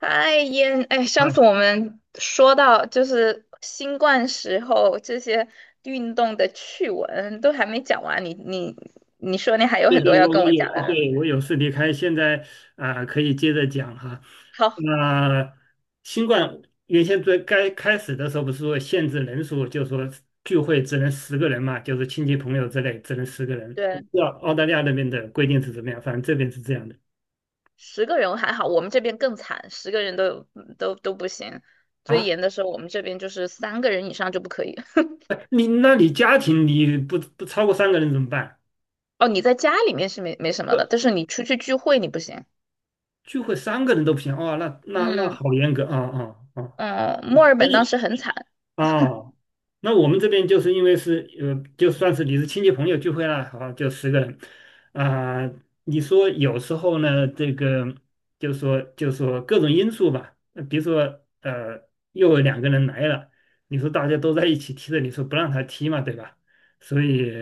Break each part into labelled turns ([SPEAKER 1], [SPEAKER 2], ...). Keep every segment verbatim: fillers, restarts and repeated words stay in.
[SPEAKER 1] 嗨，烟，哎，
[SPEAKER 2] 啊，
[SPEAKER 1] 上次我们说到就是新冠时候这些运动的趣闻都还没讲完，你你你说你还有
[SPEAKER 2] 对
[SPEAKER 1] 很
[SPEAKER 2] 对，
[SPEAKER 1] 多要
[SPEAKER 2] 我
[SPEAKER 1] 跟
[SPEAKER 2] 我
[SPEAKER 1] 我
[SPEAKER 2] 有，
[SPEAKER 1] 讲的呢。
[SPEAKER 2] 对我有事离开，现在啊、可以接着讲哈。
[SPEAKER 1] 好，
[SPEAKER 2] 那，新冠原先最该开始的时候不是说限制人数，就说聚会只能十个人嘛，就是亲戚朋友之类只能十个人。我
[SPEAKER 1] 对，
[SPEAKER 2] 不知道澳大利亚那边的规定是怎么样，反正这边是这样的
[SPEAKER 1] 十个人还好，我们这边更惨，十个人都有都都不行。最
[SPEAKER 2] 啊。
[SPEAKER 1] 严的时候，我们这边就是三个人以上就不可以。
[SPEAKER 2] 哎，你那你家庭你不不超过三个人怎么办？
[SPEAKER 1] 哦，你在家里面是没没什么的，
[SPEAKER 2] 不，
[SPEAKER 1] 但是你出去聚会你不行。
[SPEAKER 2] 聚会三个人都不行哦。那那那
[SPEAKER 1] 嗯
[SPEAKER 2] 好严格啊啊啊！
[SPEAKER 1] 嗯，墨尔本当时很惨，
[SPEAKER 2] 哦，那我们这边就是因为是呃，就算是你是亲戚朋友聚会了，好，就十个人啊、你说有时候呢，这个就说就说各种因素吧，呃比如说呃，又有两个人来了，你说大家都在一起踢的，你说不让他踢嘛，对吧？所以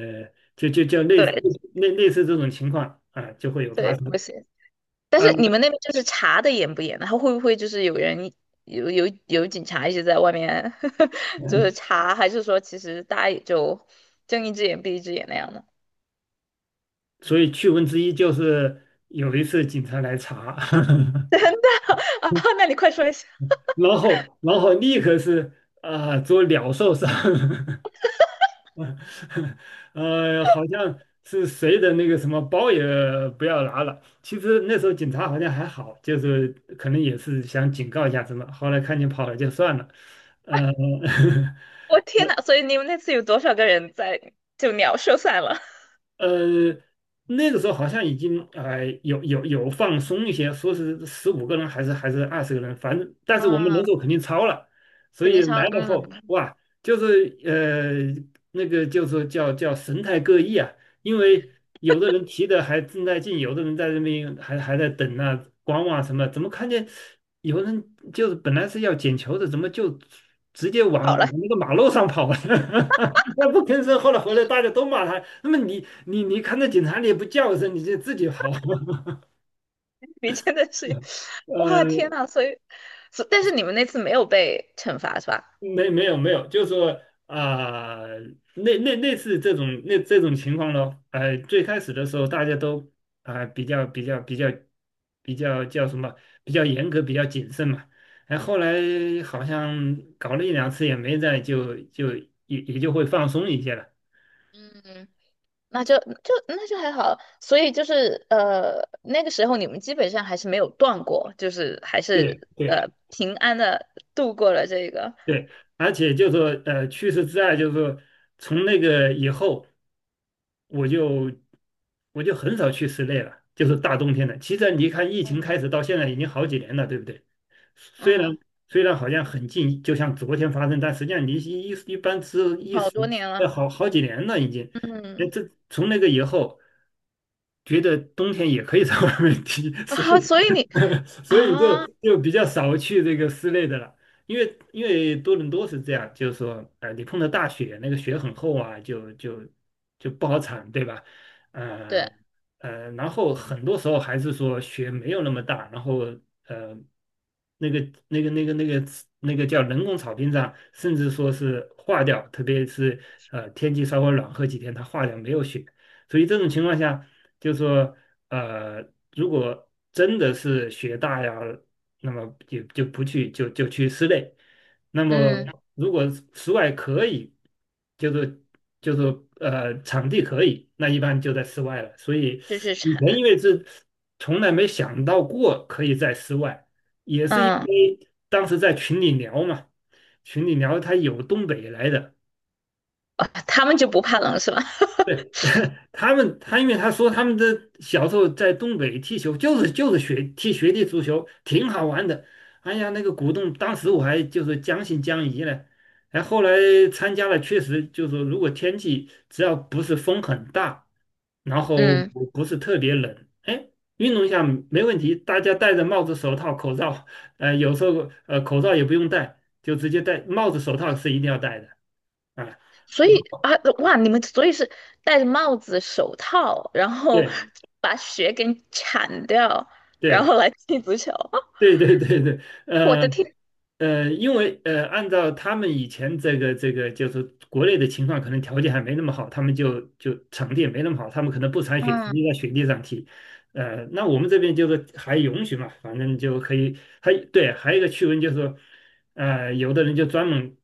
[SPEAKER 2] 就就就类似
[SPEAKER 1] 对
[SPEAKER 2] 类类似这种情况啊、就会有发
[SPEAKER 1] 对，
[SPEAKER 2] 生。
[SPEAKER 1] 不行。但
[SPEAKER 2] 啊、
[SPEAKER 1] 是你们那边就是查的严不严呢？他会不会就是有人有有有警察一直在外面 就是查，还是说其实大家也就睁一只眼闭一只眼那样的？
[SPEAKER 2] 所以趣闻之一就是有一次警察来查。
[SPEAKER 1] 啊，那你快说一下。
[SPEAKER 2] 然后然后立刻是啊、做鸟兽散，呃，好像是谁的那个什么包也不要拿了。其实那时候警察好像还好，就是可能也是想警告一下什么，后来看你跑了就算了，呃。
[SPEAKER 1] 我天呐，所以你们那次有多少个人在就鸟兽散了？
[SPEAKER 2] 呃，那个时候好像已经呃有有有放松一些，说是十五个人还是还是二十个人，反正 但是我们人
[SPEAKER 1] 啊，
[SPEAKER 2] 数肯定超了，所
[SPEAKER 1] 肯
[SPEAKER 2] 以
[SPEAKER 1] 定烧
[SPEAKER 2] 来
[SPEAKER 1] 了。
[SPEAKER 2] 了后
[SPEAKER 1] 嗯，
[SPEAKER 2] 哇，就是呃那个就是叫叫神态各异啊。因为有的人提的还正在进，有的人在那边还还在等啊观望什么，怎么看见有人就是本来是要捡球的，怎么就直接往
[SPEAKER 1] 好了，
[SPEAKER 2] 往那个马路上跑了？他不吭声，后来回来大家都骂他。那么你你你看到警察你也不叫一声，你就自己跑。
[SPEAKER 1] 你真的是，哇，
[SPEAKER 2] 呃，
[SPEAKER 1] 天呐，所以，所但是你们那次没有被惩罚是吧？
[SPEAKER 2] 没没有没有，就是说啊、那那类似这种那这种情况咯。呃，最开始的时候大家都啊、比较比较比较比较叫什么比较严格，比较谨慎嘛。哎，后来好像搞了一两次也没在，就就也也就会放松一些了。
[SPEAKER 1] 嗯那就就那就还好，所以就是呃，那个时候你们基本上还是没有断过，就是还是
[SPEAKER 2] 对对。
[SPEAKER 1] 呃平安的度过了这个，
[SPEAKER 2] 对，而且就说呃，去世之爱，就是说从那个以后，我就我就很少去室内了，就是大冬天的。其实你看，疫情
[SPEAKER 1] 嗯，
[SPEAKER 2] 开始到现在已经好几年了，对不对？虽然
[SPEAKER 1] 嗯，
[SPEAKER 2] 虽然好像很近，就像昨天发生，但实际上离一一一般是一
[SPEAKER 1] 好
[SPEAKER 2] 时
[SPEAKER 1] 多年了，
[SPEAKER 2] 呃好好几年了已经。哎，
[SPEAKER 1] 嗯
[SPEAKER 2] 这从那个以后，觉得冬天也可以 在外面踢，所以
[SPEAKER 1] 啊，所以你
[SPEAKER 2] 所以就
[SPEAKER 1] 啊，
[SPEAKER 2] 就比较少去这个室内的了。因为因为多伦多是这样，就是说，呃，你碰到大雪，那个雪很厚啊，就就就不好铲，对吧？
[SPEAKER 1] 对，
[SPEAKER 2] 呃呃，然后很多时候还是说雪没有那么大，然后呃，那个那个那个那个那个叫人工草坪上，甚至说是化掉，特别是呃天气稍微暖和几天，它化掉没有雪，所以这种情况下，就是说呃，如果真的是雪大呀。那么就就不去就就去室内。那么
[SPEAKER 1] 嗯，
[SPEAKER 2] 如果室室外可以，就是就是呃场地可以，那一般就在室外了。所以
[SPEAKER 1] 就是
[SPEAKER 2] 以前
[SPEAKER 1] 产，
[SPEAKER 2] 因为是从来没想到过可以在室外，也是因
[SPEAKER 1] 嗯
[SPEAKER 2] 为当时在群里聊嘛，群里聊他有东北来的。
[SPEAKER 1] 啊，他们就不怕冷是吧？
[SPEAKER 2] 对，他们，他因为他说他们的小时候在东北踢球，就是就是学踢学弟足球，挺好玩的。哎呀，那个鼓动，当时我还就是将信将疑呢。哎，后来参加了，确实就是说如果天气只要不是风很大，然后
[SPEAKER 1] 嗯，
[SPEAKER 2] 不不是特别冷，哎，运动一下没问题。大家戴着帽子、手套、口罩，呃，有时候呃口罩也不用戴，就直接戴帽子、手套是一定要戴的啊。
[SPEAKER 1] 所以啊，哇，你们所以是戴着帽子、手套，然后
[SPEAKER 2] 对
[SPEAKER 1] 把雪给铲掉，然
[SPEAKER 2] 对。
[SPEAKER 1] 后来踢足球，
[SPEAKER 2] 对对对对，
[SPEAKER 1] 我
[SPEAKER 2] 呃
[SPEAKER 1] 的天，
[SPEAKER 2] 呃，因为呃，按照他们以前这个这个，就是国内的情况，可能条件还没那么好，他们就就场地也没那么好，他们可能不铲雪，直接
[SPEAKER 1] 嗯。
[SPEAKER 2] 在雪地上踢。呃，那我们这边就是还允许嘛，反正就可以。还对，还有一个趣闻就是说，呃，有的人就专门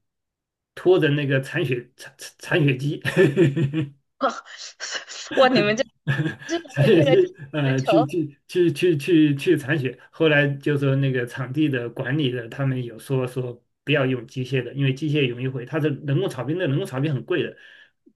[SPEAKER 2] 拖着那个铲雪铲铲铲雪机，
[SPEAKER 1] 哇，你们这 这是
[SPEAKER 2] 残
[SPEAKER 1] 为
[SPEAKER 2] 血
[SPEAKER 1] 为了踢
[SPEAKER 2] 去
[SPEAKER 1] 足
[SPEAKER 2] 呃去
[SPEAKER 1] 球
[SPEAKER 2] 去去去去去铲血。后来就说那个场地的管理的，他们有说说不要用机械的，因为机械容易毁。它的人工草坪，那人工草坪很贵的。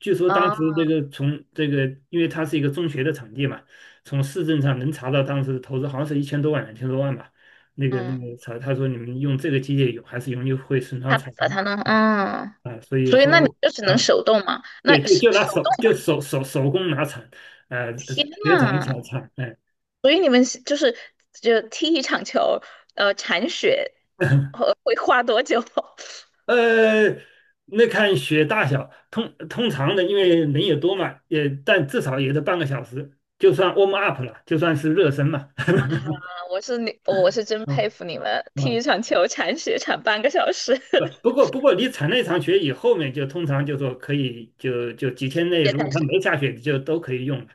[SPEAKER 2] 据说当
[SPEAKER 1] 啊？
[SPEAKER 2] 时这个从这个，因为它是一个中学的场地嘛，从市政上能查到当时的投资好像是一千多万、两千多万吧。那个那
[SPEAKER 1] 嗯，
[SPEAKER 2] 个草，他说你们用这个机械有还是容易会损伤
[SPEAKER 1] 他
[SPEAKER 2] 草
[SPEAKER 1] 把
[SPEAKER 2] 坪
[SPEAKER 1] 他弄，嗯，
[SPEAKER 2] 啊，所以
[SPEAKER 1] 所以
[SPEAKER 2] 后
[SPEAKER 1] 那你
[SPEAKER 2] 来。
[SPEAKER 1] 就只能
[SPEAKER 2] 啊，
[SPEAKER 1] 手动嘛？那
[SPEAKER 2] 对，就
[SPEAKER 1] 手
[SPEAKER 2] 就拿
[SPEAKER 1] 手
[SPEAKER 2] 手
[SPEAKER 1] 动，
[SPEAKER 2] 就手手手工拿铲，呃，
[SPEAKER 1] 天
[SPEAKER 2] 别铲
[SPEAKER 1] 呐！
[SPEAKER 2] 小铲，哎，
[SPEAKER 1] 所以你们是就是就踢一场球，呃，铲雪会会花多久？
[SPEAKER 2] 呃，那看雪大小，通通常的，因为人也多嘛，也但至少也得半个小时，就算 warm up 了，就算是热身嘛，
[SPEAKER 1] 啊，我是你，我是真
[SPEAKER 2] 啊
[SPEAKER 1] 佩服你们，踢
[SPEAKER 2] 啊，
[SPEAKER 1] 一场球铲雪铲半个小时。
[SPEAKER 2] 不 不过不过你铲那场雪以后面就通常就说可以就就几天内，
[SPEAKER 1] 别
[SPEAKER 2] 如果
[SPEAKER 1] 开始。
[SPEAKER 2] 它没下雪，就都可以用了。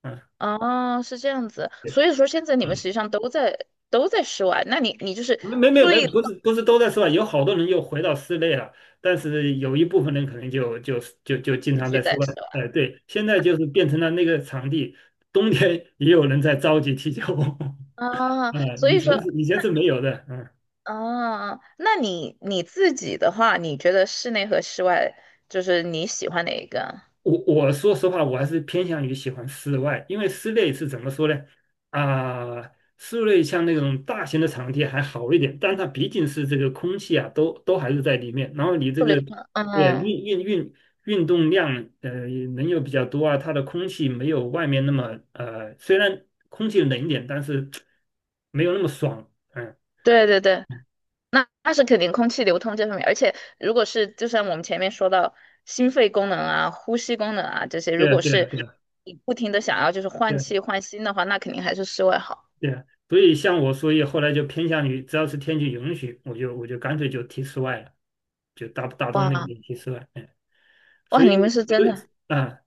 [SPEAKER 2] 啊，
[SPEAKER 1] 哦，是这样子，
[SPEAKER 2] 对。
[SPEAKER 1] 所以说现在你们实际上都在都在室外，那你你就是
[SPEAKER 2] 没没没，
[SPEAKER 1] 最了
[SPEAKER 2] 不是不是都在室外，有好多人又回到室内了，但是有一部分人可能就就就就经常
[SPEAKER 1] 就
[SPEAKER 2] 在室
[SPEAKER 1] 在
[SPEAKER 2] 外。
[SPEAKER 1] 室外。
[SPEAKER 2] 哎，对，现在就是变成了那个场地，冬天也有人在着急踢球。啊、
[SPEAKER 1] 啊，所
[SPEAKER 2] 以
[SPEAKER 1] 以
[SPEAKER 2] 前
[SPEAKER 1] 说，
[SPEAKER 2] 是以前是没有的，嗯。
[SPEAKER 1] 啊，那你你自己的话，你觉得室内和室外，就是你喜欢哪一个？
[SPEAKER 2] 我我说实话，我还是偏向于喜欢室外，因为室内是怎么说呢？啊、室内像那种大型的场地还好一点，但它毕竟是这个空气啊，都都还是在里面。然后你这
[SPEAKER 1] 不流
[SPEAKER 2] 个，
[SPEAKER 1] 通，
[SPEAKER 2] 对啊
[SPEAKER 1] 嗯，
[SPEAKER 2] 运运运运动量，呃，人又比较多啊，它的空气没有外面那么，呃，虽然空气冷一点，但是没有那么爽。嗯，
[SPEAKER 1] 对对对，那那是肯定空气流通这方面，而且如果是就像我们前面说到心肺功能啊、呼吸功能啊这些，如
[SPEAKER 2] 对啊，
[SPEAKER 1] 果
[SPEAKER 2] 对啊，
[SPEAKER 1] 是
[SPEAKER 2] 对啊，
[SPEAKER 1] 你不停的想要就是换
[SPEAKER 2] 对啊
[SPEAKER 1] 气换新的话，那肯定还是室外好。
[SPEAKER 2] 对，所以像我，所以后来就偏向于，只要是天气允许，我就我就干脆就踢室外了，就大大冬令
[SPEAKER 1] 哇
[SPEAKER 2] 就踢室外。嗯，
[SPEAKER 1] 哇，
[SPEAKER 2] 所以
[SPEAKER 1] 你们是真
[SPEAKER 2] 所以
[SPEAKER 1] 的，
[SPEAKER 2] 啊，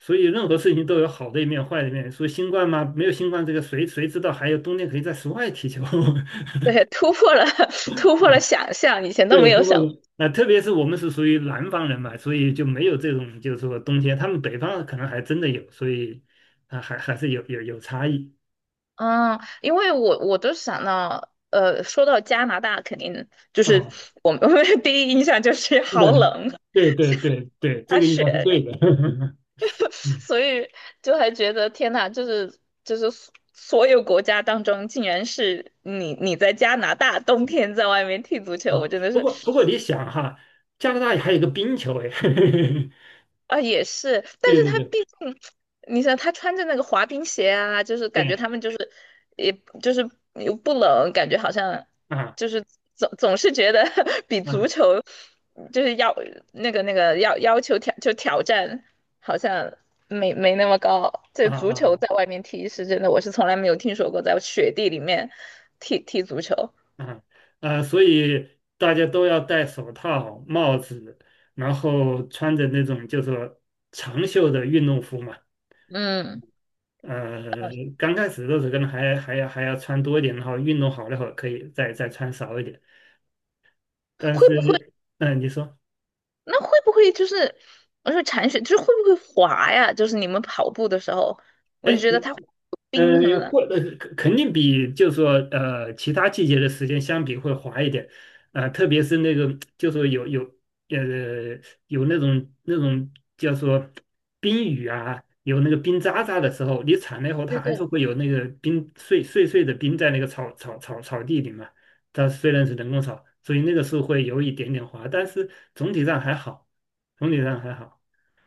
[SPEAKER 2] 所以任何事情都有好的一面、坏的一面。所以新冠嘛，没有新冠这个谁谁知道还有冬天可以在室外踢球？
[SPEAKER 1] 对，突破了 突破了想象，以前都
[SPEAKER 2] 对，
[SPEAKER 1] 没有
[SPEAKER 2] 不过
[SPEAKER 1] 想。
[SPEAKER 2] 啊，特别是我们是属于南方人嘛，所以就没有这种就是说冬天，他们北方可能还真的有，所以啊还还是有有有差异
[SPEAKER 1] 嗯，因为我我都想到，呃，说到加拿大，肯定就是
[SPEAKER 2] 啊。
[SPEAKER 1] 我们 我们的 第一印象就是好冷，
[SPEAKER 2] 对对对对对，这
[SPEAKER 1] 大
[SPEAKER 2] 个应
[SPEAKER 1] 雪，
[SPEAKER 2] 该是对的。嗯
[SPEAKER 1] 所以就还觉得天呐，就是就是所所有国家当中，竟然是你你在加拿大冬天在外面踢足球，我
[SPEAKER 2] 啊，
[SPEAKER 1] 真的
[SPEAKER 2] 不过不过
[SPEAKER 1] 是。
[SPEAKER 2] 你想哈，加拿大还有一个冰球哎，
[SPEAKER 1] 啊，也是，但
[SPEAKER 2] 对
[SPEAKER 1] 是
[SPEAKER 2] 对
[SPEAKER 1] 他
[SPEAKER 2] 对
[SPEAKER 1] 毕竟，你想他穿着那个滑冰鞋啊，就是感觉
[SPEAKER 2] 对
[SPEAKER 1] 他们就是，也就是又不冷，感觉好像
[SPEAKER 2] 啊
[SPEAKER 1] 就是总总是觉得 比足
[SPEAKER 2] 啊
[SPEAKER 1] 球就是要那个那个要要求挑就挑战好像没没那么高。这
[SPEAKER 2] 啊
[SPEAKER 1] 足球
[SPEAKER 2] 啊
[SPEAKER 1] 在外面踢是真的，我是从来没有听说过在雪地里面踢踢足球。
[SPEAKER 2] 啊啊。啊，所以大家都要戴手套、帽子，然后穿着那种就说长袖的运动服嘛。
[SPEAKER 1] 嗯，
[SPEAKER 2] 呃，刚开始的时候可能还还要还要穿多一点，然后运动好了以后可以再再穿少一点。但
[SPEAKER 1] 会
[SPEAKER 2] 是，
[SPEAKER 1] 不会？
[SPEAKER 2] 嗯，你说，
[SPEAKER 1] 那会不会就是，我说铲雪就是会不会滑呀？就是你们跑步的时候，我就
[SPEAKER 2] 哎，
[SPEAKER 1] 觉得它会有
[SPEAKER 2] 呃，
[SPEAKER 1] 冰什么的。
[SPEAKER 2] 或呃肯肯定比就是说呃其他季节的时间相比会滑一点。啊、特别是那个就是说有有呃有那种那种叫做冰雨啊，有那个冰渣渣的时候，你铲了以后，它
[SPEAKER 1] 对
[SPEAKER 2] 还是
[SPEAKER 1] 对。
[SPEAKER 2] 会有那个冰碎碎碎的冰在那个草草草草地里嘛。它虽然是人工草，所以那个是会有一点点滑，但是总体上还好，总体上还好。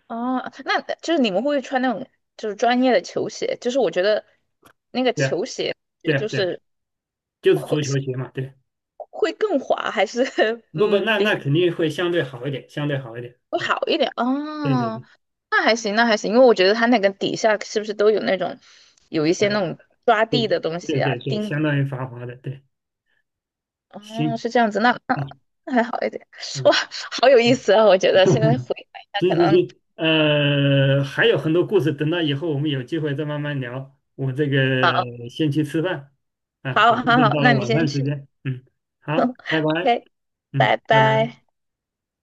[SPEAKER 1] 哦，那就是你们会不会穿那种就是专业的球鞋？就是我觉得那个
[SPEAKER 2] 对啊，
[SPEAKER 1] 球鞋
[SPEAKER 2] 对啊，
[SPEAKER 1] 就
[SPEAKER 2] 对啊，
[SPEAKER 1] 是
[SPEAKER 2] 就是足球鞋嘛，对。
[SPEAKER 1] 会更滑，还是
[SPEAKER 2] 不不，
[SPEAKER 1] 嗯
[SPEAKER 2] 那
[SPEAKER 1] 比
[SPEAKER 2] 那
[SPEAKER 1] 较
[SPEAKER 2] 肯定会相对好一点，相对好一点。
[SPEAKER 1] 会
[SPEAKER 2] 啊，
[SPEAKER 1] 好一点？
[SPEAKER 2] 对对
[SPEAKER 1] 哦，
[SPEAKER 2] 对，
[SPEAKER 1] 那还行，那还行，因为我觉得它那个底下是不是都有那种有一些那
[SPEAKER 2] 呃，
[SPEAKER 1] 种抓地
[SPEAKER 2] 对
[SPEAKER 1] 的东
[SPEAKER 2] 对
[SPEAKER 1] 西啊，
[SPEAKER 2] 对对，
[SPEAKER 1] 钉
[SPEAKER 2] 相当于繁华的，对，
[SPEAKER 1] 哦，
[SPEAKER 2] 行，
[SPEAKER 1] 是这样子，那那
[SPEAKER 2] 啊，
[SPEAKER 1] 那还好一点。哇，
[SPEAKER 2] 嗯，
[SPEAKER 1] 好有意思啊！我觉 得现在回想
[SPEAKER 2] 嗯
[SPEAKER 1] 一下，
[SPEAKER 2] 行
[SPEAKER 1] 可
[SPEAKER 2] 行
[SPEAKER 1] 能
[SPEAKER 2] 行，呃，还有很多故事，等到以后我们有机会再慢慢聊。我这个
[SPEAKER 1] 好，
[SPEAKER 2] 先去吃饭，啊，我
[SPEAKER 1] 好，
[SPEAKER 2] 这
[SPEAKER 1] 好，
[SPEAKER 2] 边
[SPEAKER 1] 好，
[SPEAKER 2] 到了
[SPEAKER 1] 那你
[SPEAKER 2] 晚
[SPEAKER 1] 先
[SPEAKER 2] 饭时
[SPEAKER 1] 去
[SPEAKER 2] 间，嗯，好，拜拜，
[SPEAKER 1] ，OK，
[SPEAKER 2] 嗯，
[SPEAKER 1] 拜
[SPEAKER 2] 拜拜。
[SPEAKER 1] 拜。